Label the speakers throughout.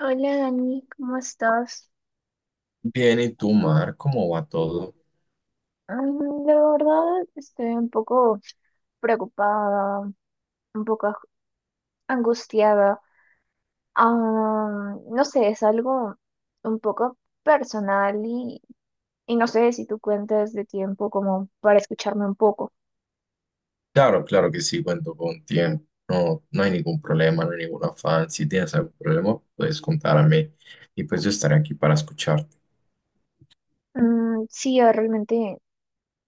Speaker 1: Hola Dani, ¿cómo estás?
Speaker 2: Bien, ¿y tú, Mar? ¿Cómo va todo?
Speaker 1: La verdad estoy un poco preocupada, un poco angustiada. Ah, no sé, es algo un poco personal y no sé si tú cuentas de tiempo como para escucharme un poco.
Speaker 2: Claro, claro que sí, cuento con tiempo. No, no hay ningún problema, no hay ningún afán. Si tienes algún problema, puedes contarme y pues yo estaré aquí para escucharte.
Speaker 1: Mm, sí, realmente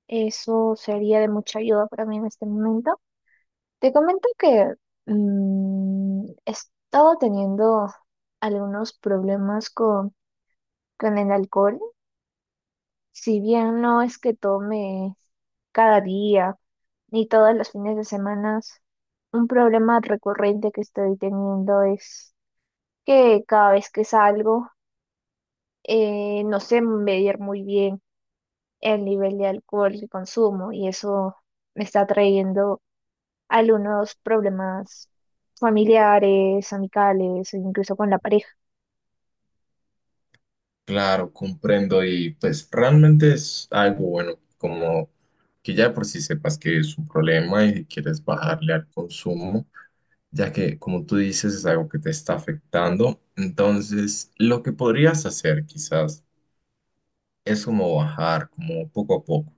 Speaker 1: eso sería de mucha ayuda para mí en este momento. Te comento que he estado teniendo algunos problemas con el alcohol. Si bien no es que tome cada día ni todos los fines de semana, un problema recurrente que estoy teniendo es que cada vez que salgo no sé medir muy bien el nivel de alcohol que consumo y eso me está trayendo algunos problemas familiares, amicales, o incluso con la pareja.
Speaker 2: Claro, comprendo y pues realmente es algo bueno, como que ya de por si sepas que es un problema y que quieres bajarle al consumo, ya que como tú dices es algo que te está afectando. Entonces, lo que podrías hacer quizás es como bajar como poco a poco.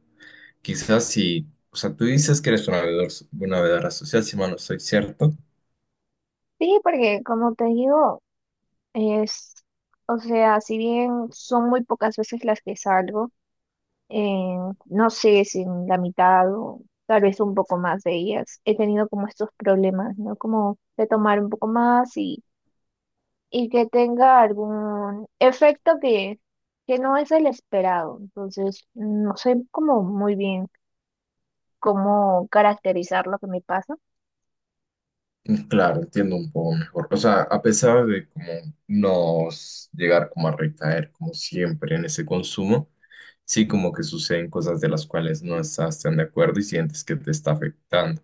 Speaker 2: Quizás si, o sea, tú dices que eres una bebedora social, si mal no estoy cierto.
Speaker 1: Sí, porque como te digo, es, o sea, si bien son muy pocas veces las que salgo, eh, no sé si en la mitad o tal vez un poco más de ellas, he tenido como estos problemas, ¿no? Como de tomar un poco más y que tenga algún efecto que no es el esperado. Entonces, no sé como muy bien cómo caracterizar lo que me pasa.
Speaker 2: Claro, entiendo un poco mejor. O sea, a pesar de como no s- llegar como a recaer como siempre en ese consumo, sí como que suceden cosas de las cuales no estás tan de acuerdo y sientes que te está afectando.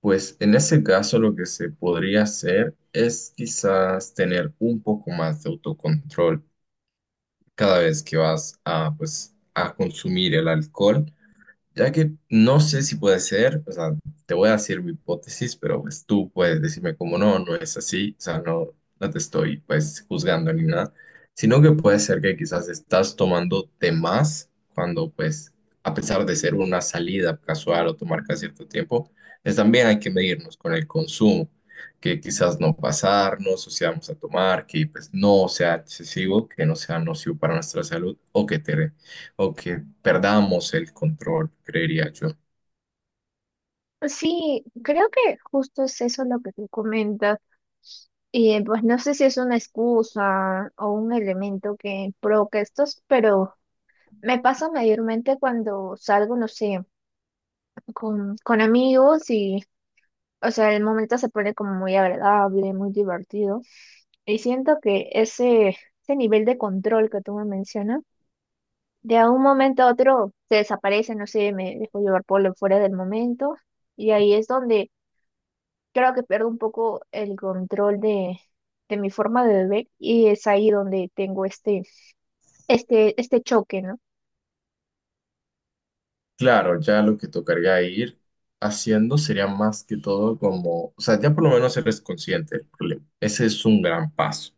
Speaker 2: Pues en ese caso lo que se podría hacer es quizás tener un poco más de autocontrol cada vez que vas a pues a consumir el alcohol. Ya que no sé si puede ser, o sea, te voy a decir mi hipótesis, pero pues tú puedes decirme como no, no es así, o sea, no, no te estoy pues juzgando ni nada, sino que puede ser que quizás estás tomando de más cuando pues, a pesar de ser una salida casual o tomar cada cierto tiempo, es también hay que medirnos con el consumo, que quizás no pasarnos, o si vamos a tomar, que pues no sea excesivo, que no sea nocivo para nuestra salud o que te o que perdamos el control, creería yo.
Speaker 1: Sí, creo que justo es eso lo que tú comentas. Y pues no sé si es una excusa o un elemento que provoca estos, pero me pasa mayormente cuando salgo, no sé, con amigos y, o sea, el momento se pone como muy agradable, muy divertido. Y siento que ese nivel de control que tú me mencionas, de un momento a otro se desaparece, no sé, me dejo llevar por lo fuera del momento. Y ahí es donde creo que pierdo un poco el control de mi forma de beber y es ahí donde tengo este choque, ¿no?
Speaker 2: Claro, ya lo que tocaría ir haciendo sería más que todo como, o sea, ya por lo menos eres consciente del problema. Ese es un gran paso.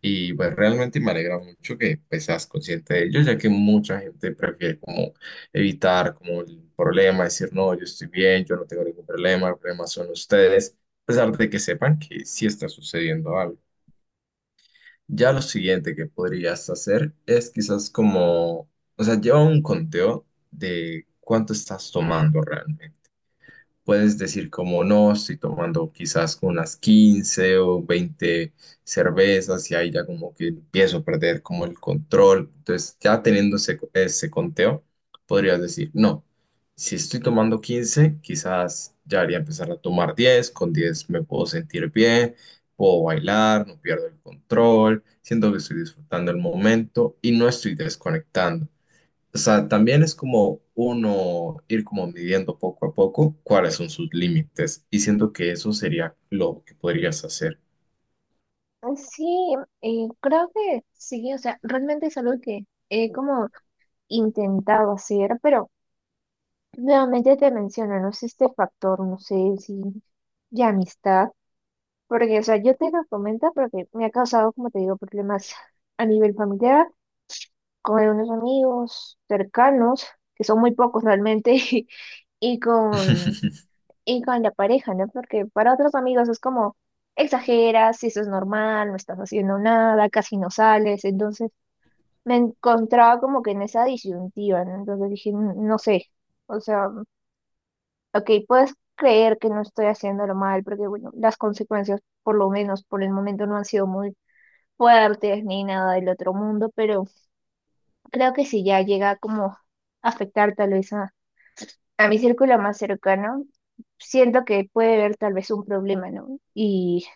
Speaker 2: Y pues realmente me alegra mucho que pues, seas consciente de ello, ya que mucha gente prefiere como evitar como el problema, decir, no, yo estoy bien, yo no tengo ningún problema, el problema son ustedes, a pesar de que sepan que sí está sucediendo algo. Ya lo siguiente que podrías hacer es quizás como, o sea, lleva un conteo de cuánto estás tomando realmente. Puedes decir como no, estoy tomando quizás unas 15 o 20 cervezas y ahí ya como que empiezo a perder como el control. Entonces ya teniendo ese conteo, podrías decir, no, si estoy tomando 15 quizás ya haría empezar a tomar 10, con 10 me puedo sentir bien, puedo bailar, no pierdo el control, siento que estoy disfrutando el momento y no estoy desconectando. O sea, también es como uno ir como midiendo poco a poco cuáles son sus límites y siento que eso sería lo que podrías hacer.
Speaker 1: Sí, creo que sí, o sea, realmente es algo que he como intentado hacer, pero nuevamente te menciono, no sé, este factor, no sé si de amistad, porque, o sea, yo te lo comento porque me ha causado, como te digo, problemas a nivel familiar, con unos amigos cercanos, que son muy pocos realmente, y y con la pareja, ¿no? Porque para otros amigos es como exageras, si eso es normal, no estás haciendo nada, casi no sales, entonces me encontraba como que en esa disyuntiva, ¿no? Entonces dije, no sé, o sea, ok, puedes creer que no estoy haciéndolo mal, porque bueno, las consecuencias, por lo menos por el momento, no han sido muy fuertes ni nada del otro mundo, pero creo que si ya llega como a afectar tal vez a mi círculo más cercano, siento que puede haber tal vez un problema, ¿no? Y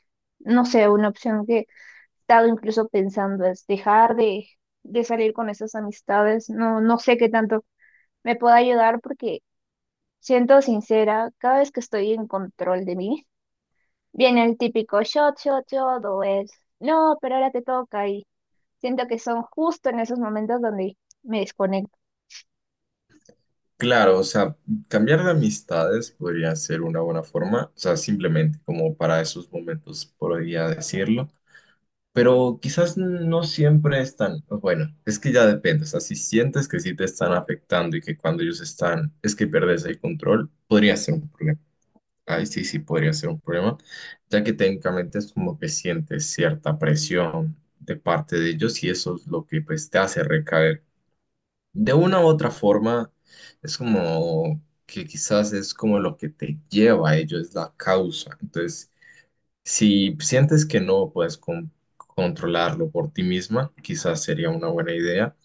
Speaker 1: no sé, una opción que he estado incluso pensando es dejar de salir con esas amistades, no, no sé qué tanto me pueda ayudar porque, siento sincera, cada vez que estoy en control de mí, viene el típico shot, shot, shot o el no, pero ahora te toca y siento que son justo en esos momentos donde me desconecto.
Speaker 2: Claro, o sea, cambiar de amistades podría ser una buena forma, o sea, simplemente como para esos momentos podría decirlo, pero quizás no siempre están, bueno, es que ya depende, o sea, si sientes que sí te están afectando y que cuando ellos están es que perdes el control, podría ser un problema. Ahí sí, sí podría ser un problema, ya que técnicamente es como que sientes cierta presión de parte de ellos y eso es lo que pues te hace recaer. De una u otra forma, es como que quizás es como lo que te lleva a ello, es la causa. Entonces, si sientes que no puedes controlarlo por ti misma, quizás sería una buena idea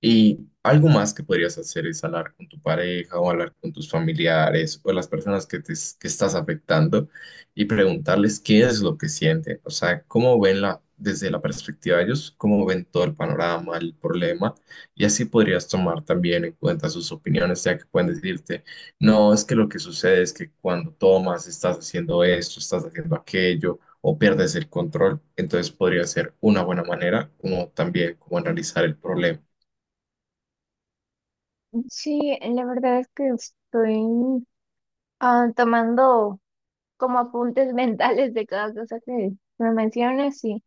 Speaker 2: y algo más que podrías hacer es hablar con tu pareja o hablar con tus familiares o las personas que estás afectando y preguntarles qué es lo que sienten, o sea, cómo ven la, desde la perspectiva de ellos, cómo ven todo el panorama, el problema, y así podrías tomar también en cuenta sus opiniones, ya que pueden decirte, no, es que lo que sucede es que cuando tomas estás haciendo esto, estás haciendo aquello o pierdes el control, entonces podría ser una buena manera como también como analizar el problema.
Speaker 1: Sí, la verdad es que estoy tomando como apuntes mentales de cada cosa que me mencionas y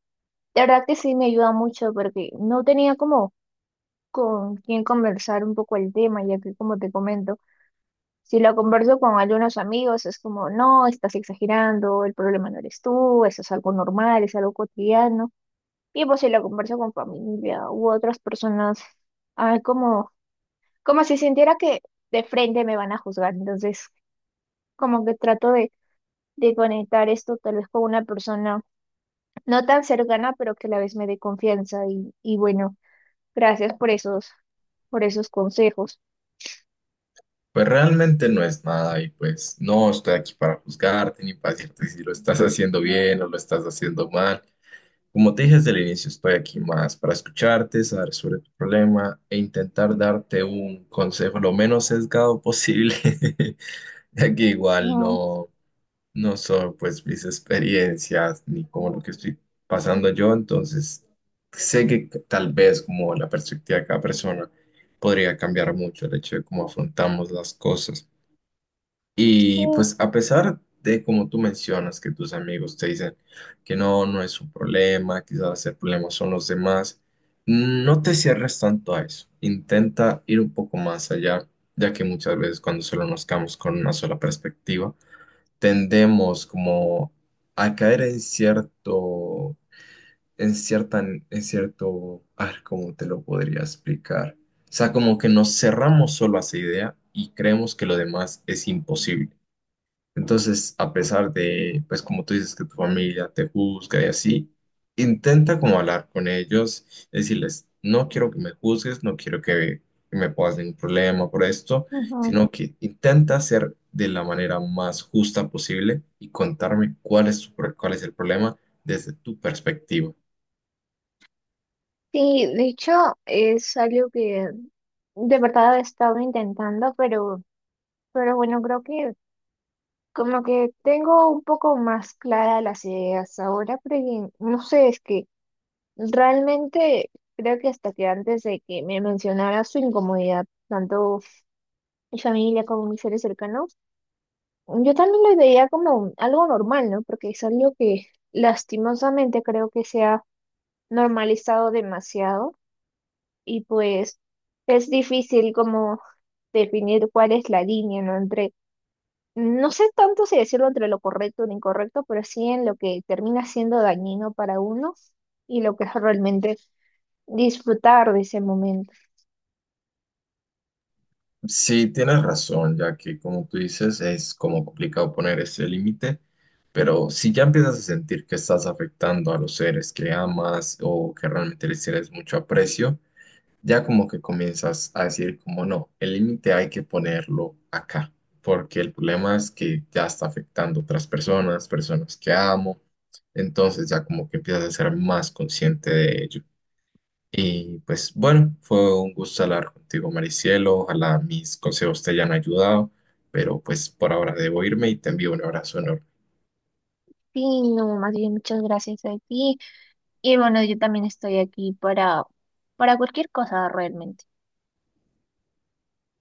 Speaker 1: la verdad que sí me ayuda mucho porque no tenía como con quién conversar un poco el tema, ya que como te comento, si lo converso con algunos amigos, es como, no, estás exagerando, el problema no eres tú, eso es algo normal, es algo cotidiano. Y pues si lo converso con familia u otras personas, ah, como, como si sintiera que de frente me van a juzgar. Entonces, como que trato de conectar esto tal vez con una persona no tan cercana, pero que a la vez me dé confianza. Y bueno, gracias por esos consejos.
Speaker 2: Pues realmente no es nada y pues no estoy aquí para juzgarte ni para decirte si lo estás haciendo bien o lo estás haciendo mal. Como te dije desde el inicio, estoy aquí más para escucharte, saber sobre tu problema e intentar darte un consejo lo menos sesgado posible, ya que
Speaker 1: Sí,
Speaker 2: igual no, no son pues mis experiencias ni como lo que estoy pasando yo, entonces sé que tal vez como la perspectiva de cada persona podría cambiar mucho el hecho de cómo afrontamos las cosas. Y
Speaker 1: sí,
Speaker 2: pues a pesar de como tú mencionas que tus amigos te dicen que no, no es un problema, quizás el problema son los demás, no te cierres tanto a eso. Intenta ir un poco más allá, ya que muchas veces cuando solo nos quedamos con una sola perspectiva, tendemos como a caer en cierto, en cierto, a ver, ¿cómo te lo podría explicar? O sea, como que nos cerramos solo a esa idea y creemos que lo demás es imposible. Entonces, a pesar de, pues como tú dices, que tu familia te juzga y así, intenta como hablar con ellos, decirles, no quiero que me juzgues, no quiero que me pongas ningún problema por esto,
Speaker 1: ujú.
Speaker 2: sino que intenta ser de la manera más justa posible y contarme cuál es, cuál es el problema desde tu perspectiva.
Speaker 1: Sí, de hecho es algo que de verdad he estado intentando, pero bueno, creo que como que tengo un poco más clara las ideas ahora, porque no sé, es que realmente creo que hasta que antes de que me mencionara su incomodidad, tanto mi familia como mis seres cercanos, yo también lo veía como algo normal, ¿no? Porque es algo que lastimosamente creo que se ha normalizado demasiado y pues es difícil como definir cuál es la línea, ¿no? Entre, no sé tanto si decirlo entre lo correcto o lo incorrecto, pero sí en lo que termina siendo dañino para uno y lo que es realmente disfrutar de ese momento.
Speaker 2: Sí, tienes razón, ya que como tú dices, es como complicado poner ese límite. Pero si ya empiezas a sentir que estás afectando a los seres que amas o que realmente les tienes mucho aprecio, ya como que comienzas a decir como no, el límite hay que ponerlo acá, porque el problema es que ya está afectando a otras personas, personas que amo, entonces ya como que empiezas a ser más consciente de ello. Y pues bueno, fue un gusto hablar contigo, Maricielo, ojalá mis consejos te hayan ayudado, pero pues por ahora debo irme y te envío un abrazo enorme.
Speaker 1: Sí, no, más bien muchas gracias a ti. Y bueno, yo también estoy aquí para, cualquier cosa realmente.